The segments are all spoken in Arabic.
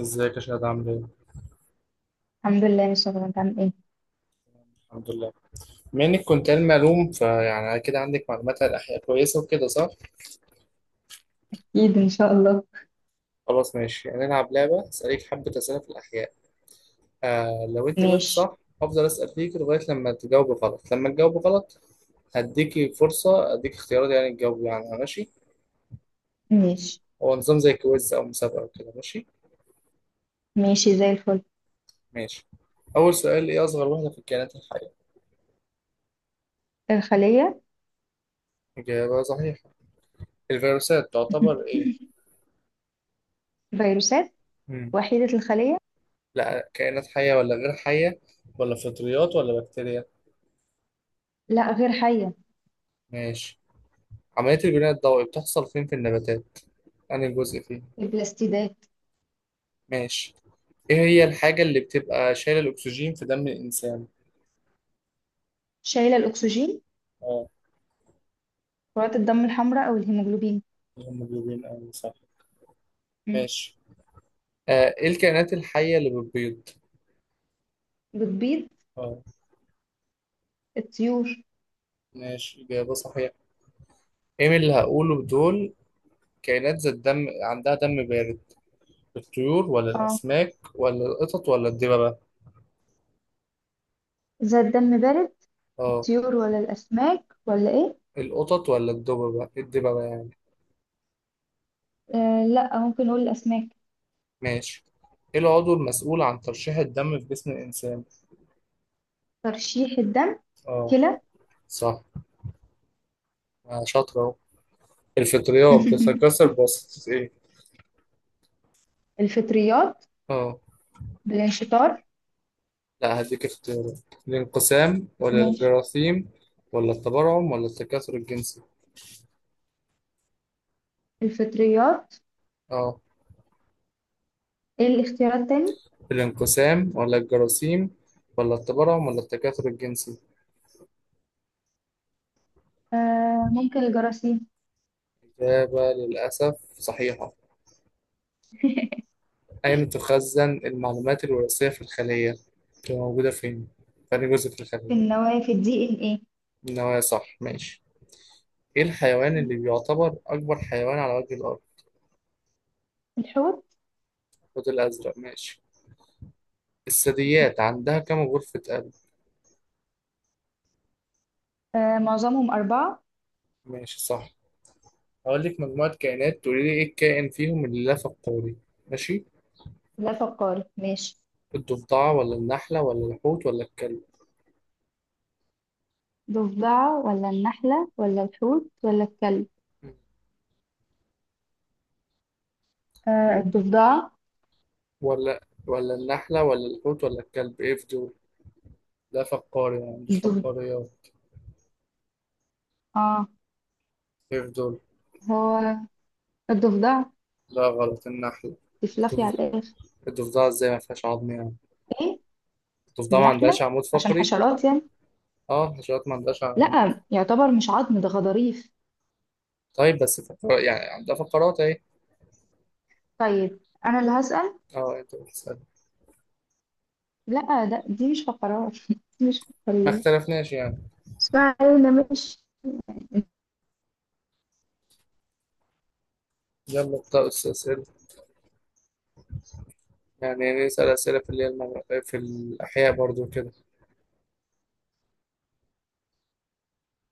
ازيك يا شهد، عامل ايه؟ الحمد لله، ان شاء الله. انت عامل ايه؟ الحمد لله. بما انك كنت علم علوم، فيعني كده عندك معلومات عن الاحياء كويسه وكده صح؟ اكيد ان شاء الله. خلاص ماشي، هنلعب لعبه اسالك حبه اسئله في الاحياء. آه لو انت جاوبت ماشي. صح هفضل اسال فيك لغايه لما تجاوب غلط هديكي فرصه، اديك اختيارات يعني تجاوبي عنها، ماشي؟ ماشي. هو نظام زي كويز او مسابقه وكده، ماشي؟ ماشي زي الفل. ماشي. اول سؤال: ايه اصغر وحده في الكائنات الحيه؟ الخلية. اجابه صحيحه. الفيروسات تعتبر ايه؟ فيروسات مم. وحيدة الخلية. لا، كائنات حيه ولا غير حيه، ولا فطريات ولا بكتيريا؟ لا غير حية. ماشي. عملية البناء الضوئي بتحصل فين في النباتات؟ أنهي جزء فيه؟ البلاستيدات. ماشي. إيه هي الحاجة اللي بتبقى شايلة الأكسجين في دم الإنسان؟ شايلة الأكسجين. اه. كرات الدم الحمراء أو الهيموجلوبين. الهيموجلوبين، أوي صح. مم. ماشي. آه، إيه الكائنات الحية اللي بتبيض؟ بتبيض؟ اه. الطيور. ماشي، إجابة صحيحة. إيه من اللي هقوله دول كائنات ذات دم، عندها دم بارد؟ الطيور ولا اه، الأسماك ولا القطط ولا الدببة؟ إذا الدم بارد، اه. الطيور ولا الأسماك ولا إيه؟ القطط ولا الدببة؟ الدببة يعني. لا، ممكن نقول الأسماك. ماشي. إيه العضو المسؤول عن ترشيح الدم في جسم الإنسان؟ ترشيح الدم؟ اه. كلى. صح. آه، شاطرة أهو. الفطريات بتتكسر بواسطة إيه؟ الفطريات آه. بالانشطار. لا، هديك اختيارات: الانقسام ولا ماشي. الجراثيم، ولا التبرعم ولا التكاثر الجنسي. الفطريات؟ آه، إيه الاختيارات تاني؟ الانقسام ولا الجراثيم ولا التبرعم ولا التكاثر الجنسي. ممكن الجراثيم. إجابة للأسف صحيحة. أين تخزن المعلومات الوراثية في الخلية؟ بتبقى موجودة فين؟ في أي جزء في الخلية؟ النوافذ، دي ان ايه. النوايا صح، ماشي. إيه الحيوان اللي بيعتبر أكبر حيوان على وجه الأرض؟ الحوت. الحوت الأزرق، ماشي. الثدييات عندها كم غرفة قلب؟ آه معظمهم أربعة. ماشي صح. هقول لك مجموعة كائنات تقولي لي ايه الكائن فيهم اللي لف القولي. ماشي. لا فقار، ماشي. الضفدعة ولا النحلة ولا الحوت ولا الكلب؟ ضفدعة ولا النحلة ولا الحوت ولا الكلب؟ إيه؟ الضفدعة. ولا، النحلة ولا الحوت ولا الكلب، ايه في دول؟ لا فقاري، ما عندوش الضف... فقاريات. اه، ايه في دول؟ هو الضفدعة. لا غلط، النحلة. تفلفي على الضف- الآخر. الضفدعة ازاي ما فيهاش عظم يعني؟ ايه؟ الضفدعة ما عندهاش النحلة، عمود عشان فقري. حشرات يعني. اه، الحشرات ما عندهاش عمود. لا يعتبر مش عظم، ده غضاريف. طيب بس، يعني عندها فقرات اهي. طيب، أنا اللي هسأل. اه انت بتسأل. لا ده، دي مش فقرات. دي مش ما فقرية. اختلفناش يعني. اسمعي، أنا مش يلا ابدأ أستاذ. يعني نسأل أسئلة في اللي هي في الأحياء برضو كده،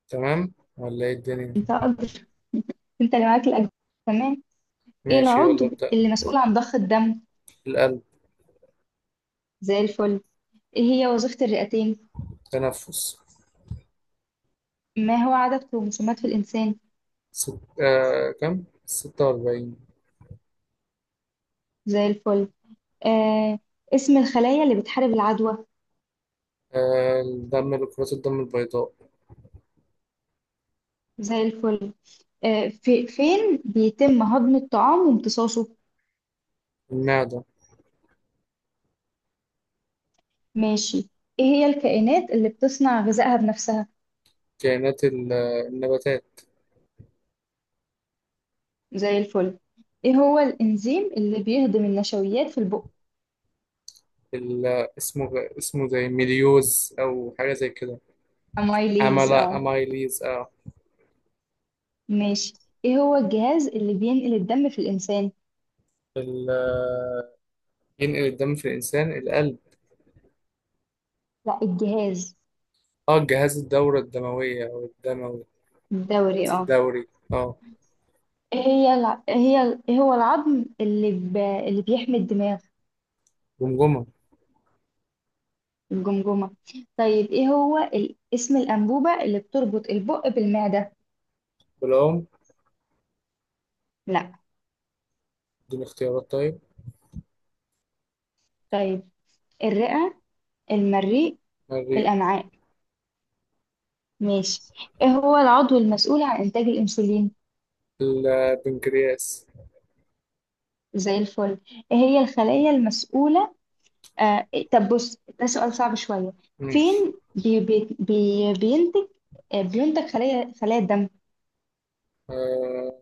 تمام ولا إيه الدنيا؟ انت انت اللي معاك الاجزاء. تمام. ايه ماشي يلا العضو ابدأ. اللي مسؤول عن ضخ الدم؟ القلب. زي الفل. ايه هي وظيفة الرئتين؟ تنفس. ما هو عدد كروموسومات في الانسان؟ كم؟ ستة وأربعين. زي الفل. آه اسم الخلايا اللي بتحارب العدوى؟ الدم، لكرات الدم البيضاء. زي الفل. في فين بيتم هضم الطعام وامتصاصه؟ المعدة. ماشي. ايه هي الكائنات اللي بتصنع غذائها بنفسها؟ كائنات ال... النباتات. زي الفل. ايه هو الانزيم اللي بيهضم النشويات في البق؟ ال... اسمه، اسمه زي ميليوز أو حاجة زي كده. امايليز، عملا اه. أمايليز آه. ماشي. ايه هو الجهاز اللي بينقل الدم في الانسان؟ ال... ينقل الدم في الإنسان، القلب. لا الجهاز. اه، جهاز الدورة الدموية أو الدموي. الدوري، الجهاز اه. الدوري. اه. إيه هي الع... إيه هي ال- إيه هو العظم اللي بيحمي الدماغ؟ جمجمة. الجمجمة. طيب ايه هو اسم الأنبوبة اللي بتربط البق بالمعدة؟ بالعمر. لا. دون اختيارات طيب. طيب، الرئة، المريء، الرئة. الأمعاء. ماشي. ايه هو العضو المسؤول عن إنتاج الأنسولين؟ البنكرياس. زي الفل. ايه هي الخلايا المسؤولة؟ طب بص، ده سؤال صعب شوية. ماشي. فين بينتج؟ آه، بينتج خلايا، خلايا الدم. آه،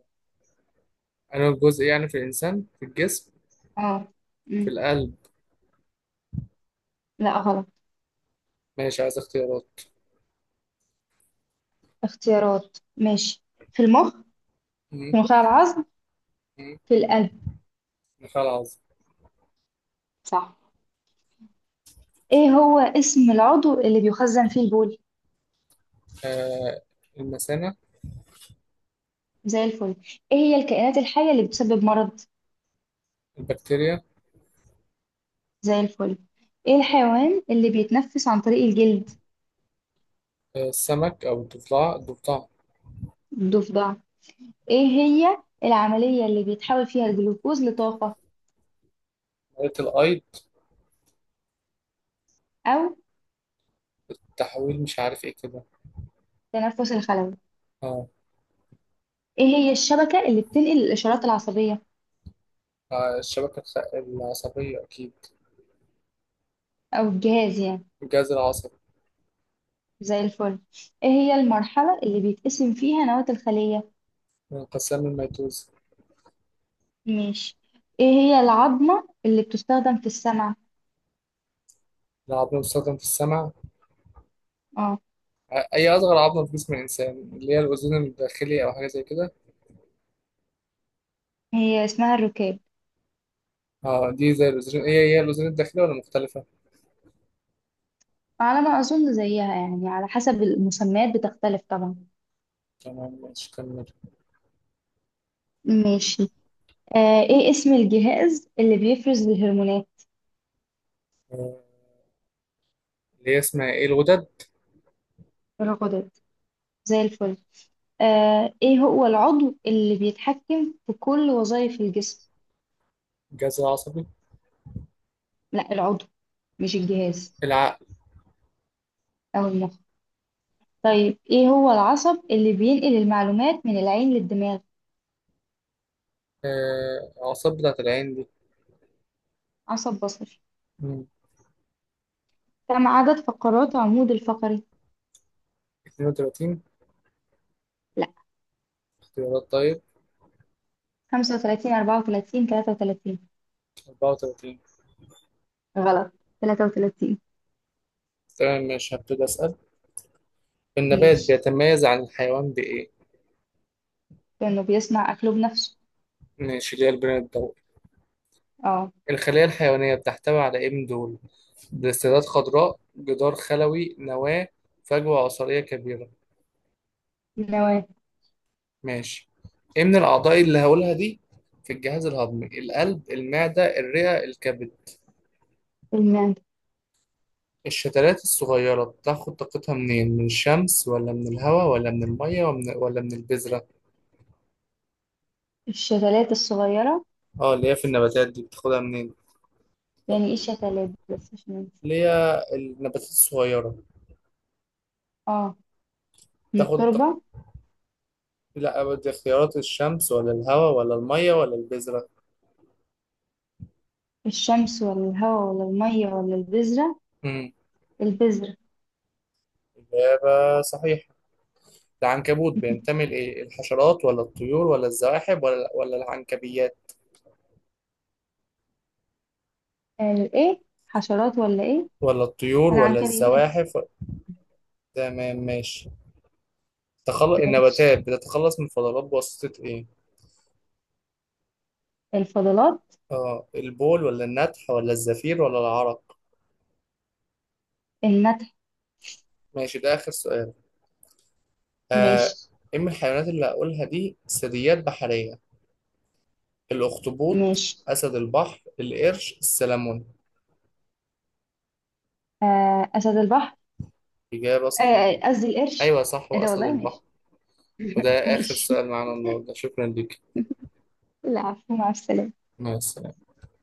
أنا الجزء يعني في الإنسان في الجسم، اه. في القلب. لا غلط. ماشي، عايز اختيارات. اختيارات، ماشي. في المخ، في مم. نخاع العظم، مم. في القلب. النخاع العظمي. صح. ايه هو اسم العضو اللي بيخزن فيه البول؟ آه. المثانة. زي الفل. ايه هي الكائنات الحية اللي بتسبب مرض؟ البكتيريا. زي الفل. ايه الحيوان اللي بيتنفس عن طريق الجلد؟ آه، السمك أو الضفدع، الضفدع. الضفدع. ايه هي العملية اللي بيتحول فيها الجلوكوز لطاقة؟ مريض الأيض. او التحويل، مش عارف إيه كده. تنفس الخلوي. آه. ايه هي الشبكة اللي بتنقل الاشارات العصبية؟ آه، الشبكة العصبية أكيد. او الجهاز يعني. الجهاز العصبي. زي الفل. ايه هي المرحلة اللي بيتقسم فيها نواة الخلية؟ انقسام الميتوز. ماشي. ايه هي العظمة اللي بتستخدم في السمع؟ العظم المستخدم في السمع. اه، أي أصغر عظمة في جسم الإنسان، اللي هي الأذن الداخلي أو حاجة زي كده. هي اسمها الركاب. اه دي زي الوزرين، هي الوزرين الداخلية ولا مختلفة؟ على ما اظن زيها يعني، على حسب المسميات بتختلف طبعا. تمام ماشي كمل. ماشي. آه، ايه اسم الجهاز اللي بيفرز الهرمونات؟ آه، اللي هي اسمها ايه، الغدد. الغدد. زي الفل. آه، ايه هو العضو اللي بيتحكم في كل وظائف الجسم؟ الجهاز العصبي. لا العضو، مش الجهاز. العقل. او المخ. طيب ايه هو العصب اللي بينقل المعلومات من العين للدماغ؟ آه، الأعصاب بتاعة العين دي. عصب بصري. مم. كم عدد فقرات عمود الفقري؟ 32. لا، اختيارات طيب. خمسة وتلاتين، أربعة وتلاتين، تلاتة وتلاتين. 34. غلط. تلاتة وتلاتين. تمام ماشي، هبتدي أسأل. النبات ماشي. بيتميز عن الحيوان بإيه؟ كأنه بيصنع أكله بنفسه. ماشي، اللي هي البناء الضوئي. اه. الخلية الحيوانية بتحتوي على إيه من دول؟ بلاستيدات خضراء، جدار خلوي، نواة، فجوة عصارية كبيرة. النواة. ماشي. ايه من الاعضاء اللي هقولها دي في الجهاز الهضمي: القلب، المعدة، الرئة، الكبد؟ المعدة. الشتلات الصغيرة بتاخد طاقتها منين، من الشمس ولا من الهواء ولا من المية ولا من البذرة؟ الشتلات الصغيرة؟ اه اللي هي في النباتات دي بتاخدها منين. يعني ايه شتلات، بس عشان ننسى. اللي هي النباتات الصغيرة. اه. من بتاخد طاق- التربة. لا دي اختيارات: الشمس ولا الهواء ولا المية ولا البذرة. الشمس ولا الهواء ولا المية ولا البذرة؟ امم البذرة. إجابة صحيحة. العنكبوت بينتمي لإيه، الحشرات ولا الطيور ولا الزواحف ولا العنكبيات؟ ايه، حشرات ولا ايه؟ ولا الطيور ولا العنكبيات. الزواحف. تمام ماشي. تخلص، ماشي. النباتات بتتخلص من الفضلات بواسطة ايه؟ الفضلات؟ اه، البول ولا النتح ولا الزفير ولا العرق؟ النتح. ماشي، ده آخر سؤال. آه. ماشي. ايه من الحيوانات اللي هقولها دي ثدييات بحرية؟ الأخطبوط، ماشي. أسد البحر، القرش، السلمون. آه أسد البحر. إجابة آه، صحيحة. آه، قصدي القرش. أيوة صح، ايه ده وأسد والله، ماشي. البحر. وده آخر ماشي. سؤال معانا النهاردة، شكرا ليك. العفو، مع السلامة. مع السلامة.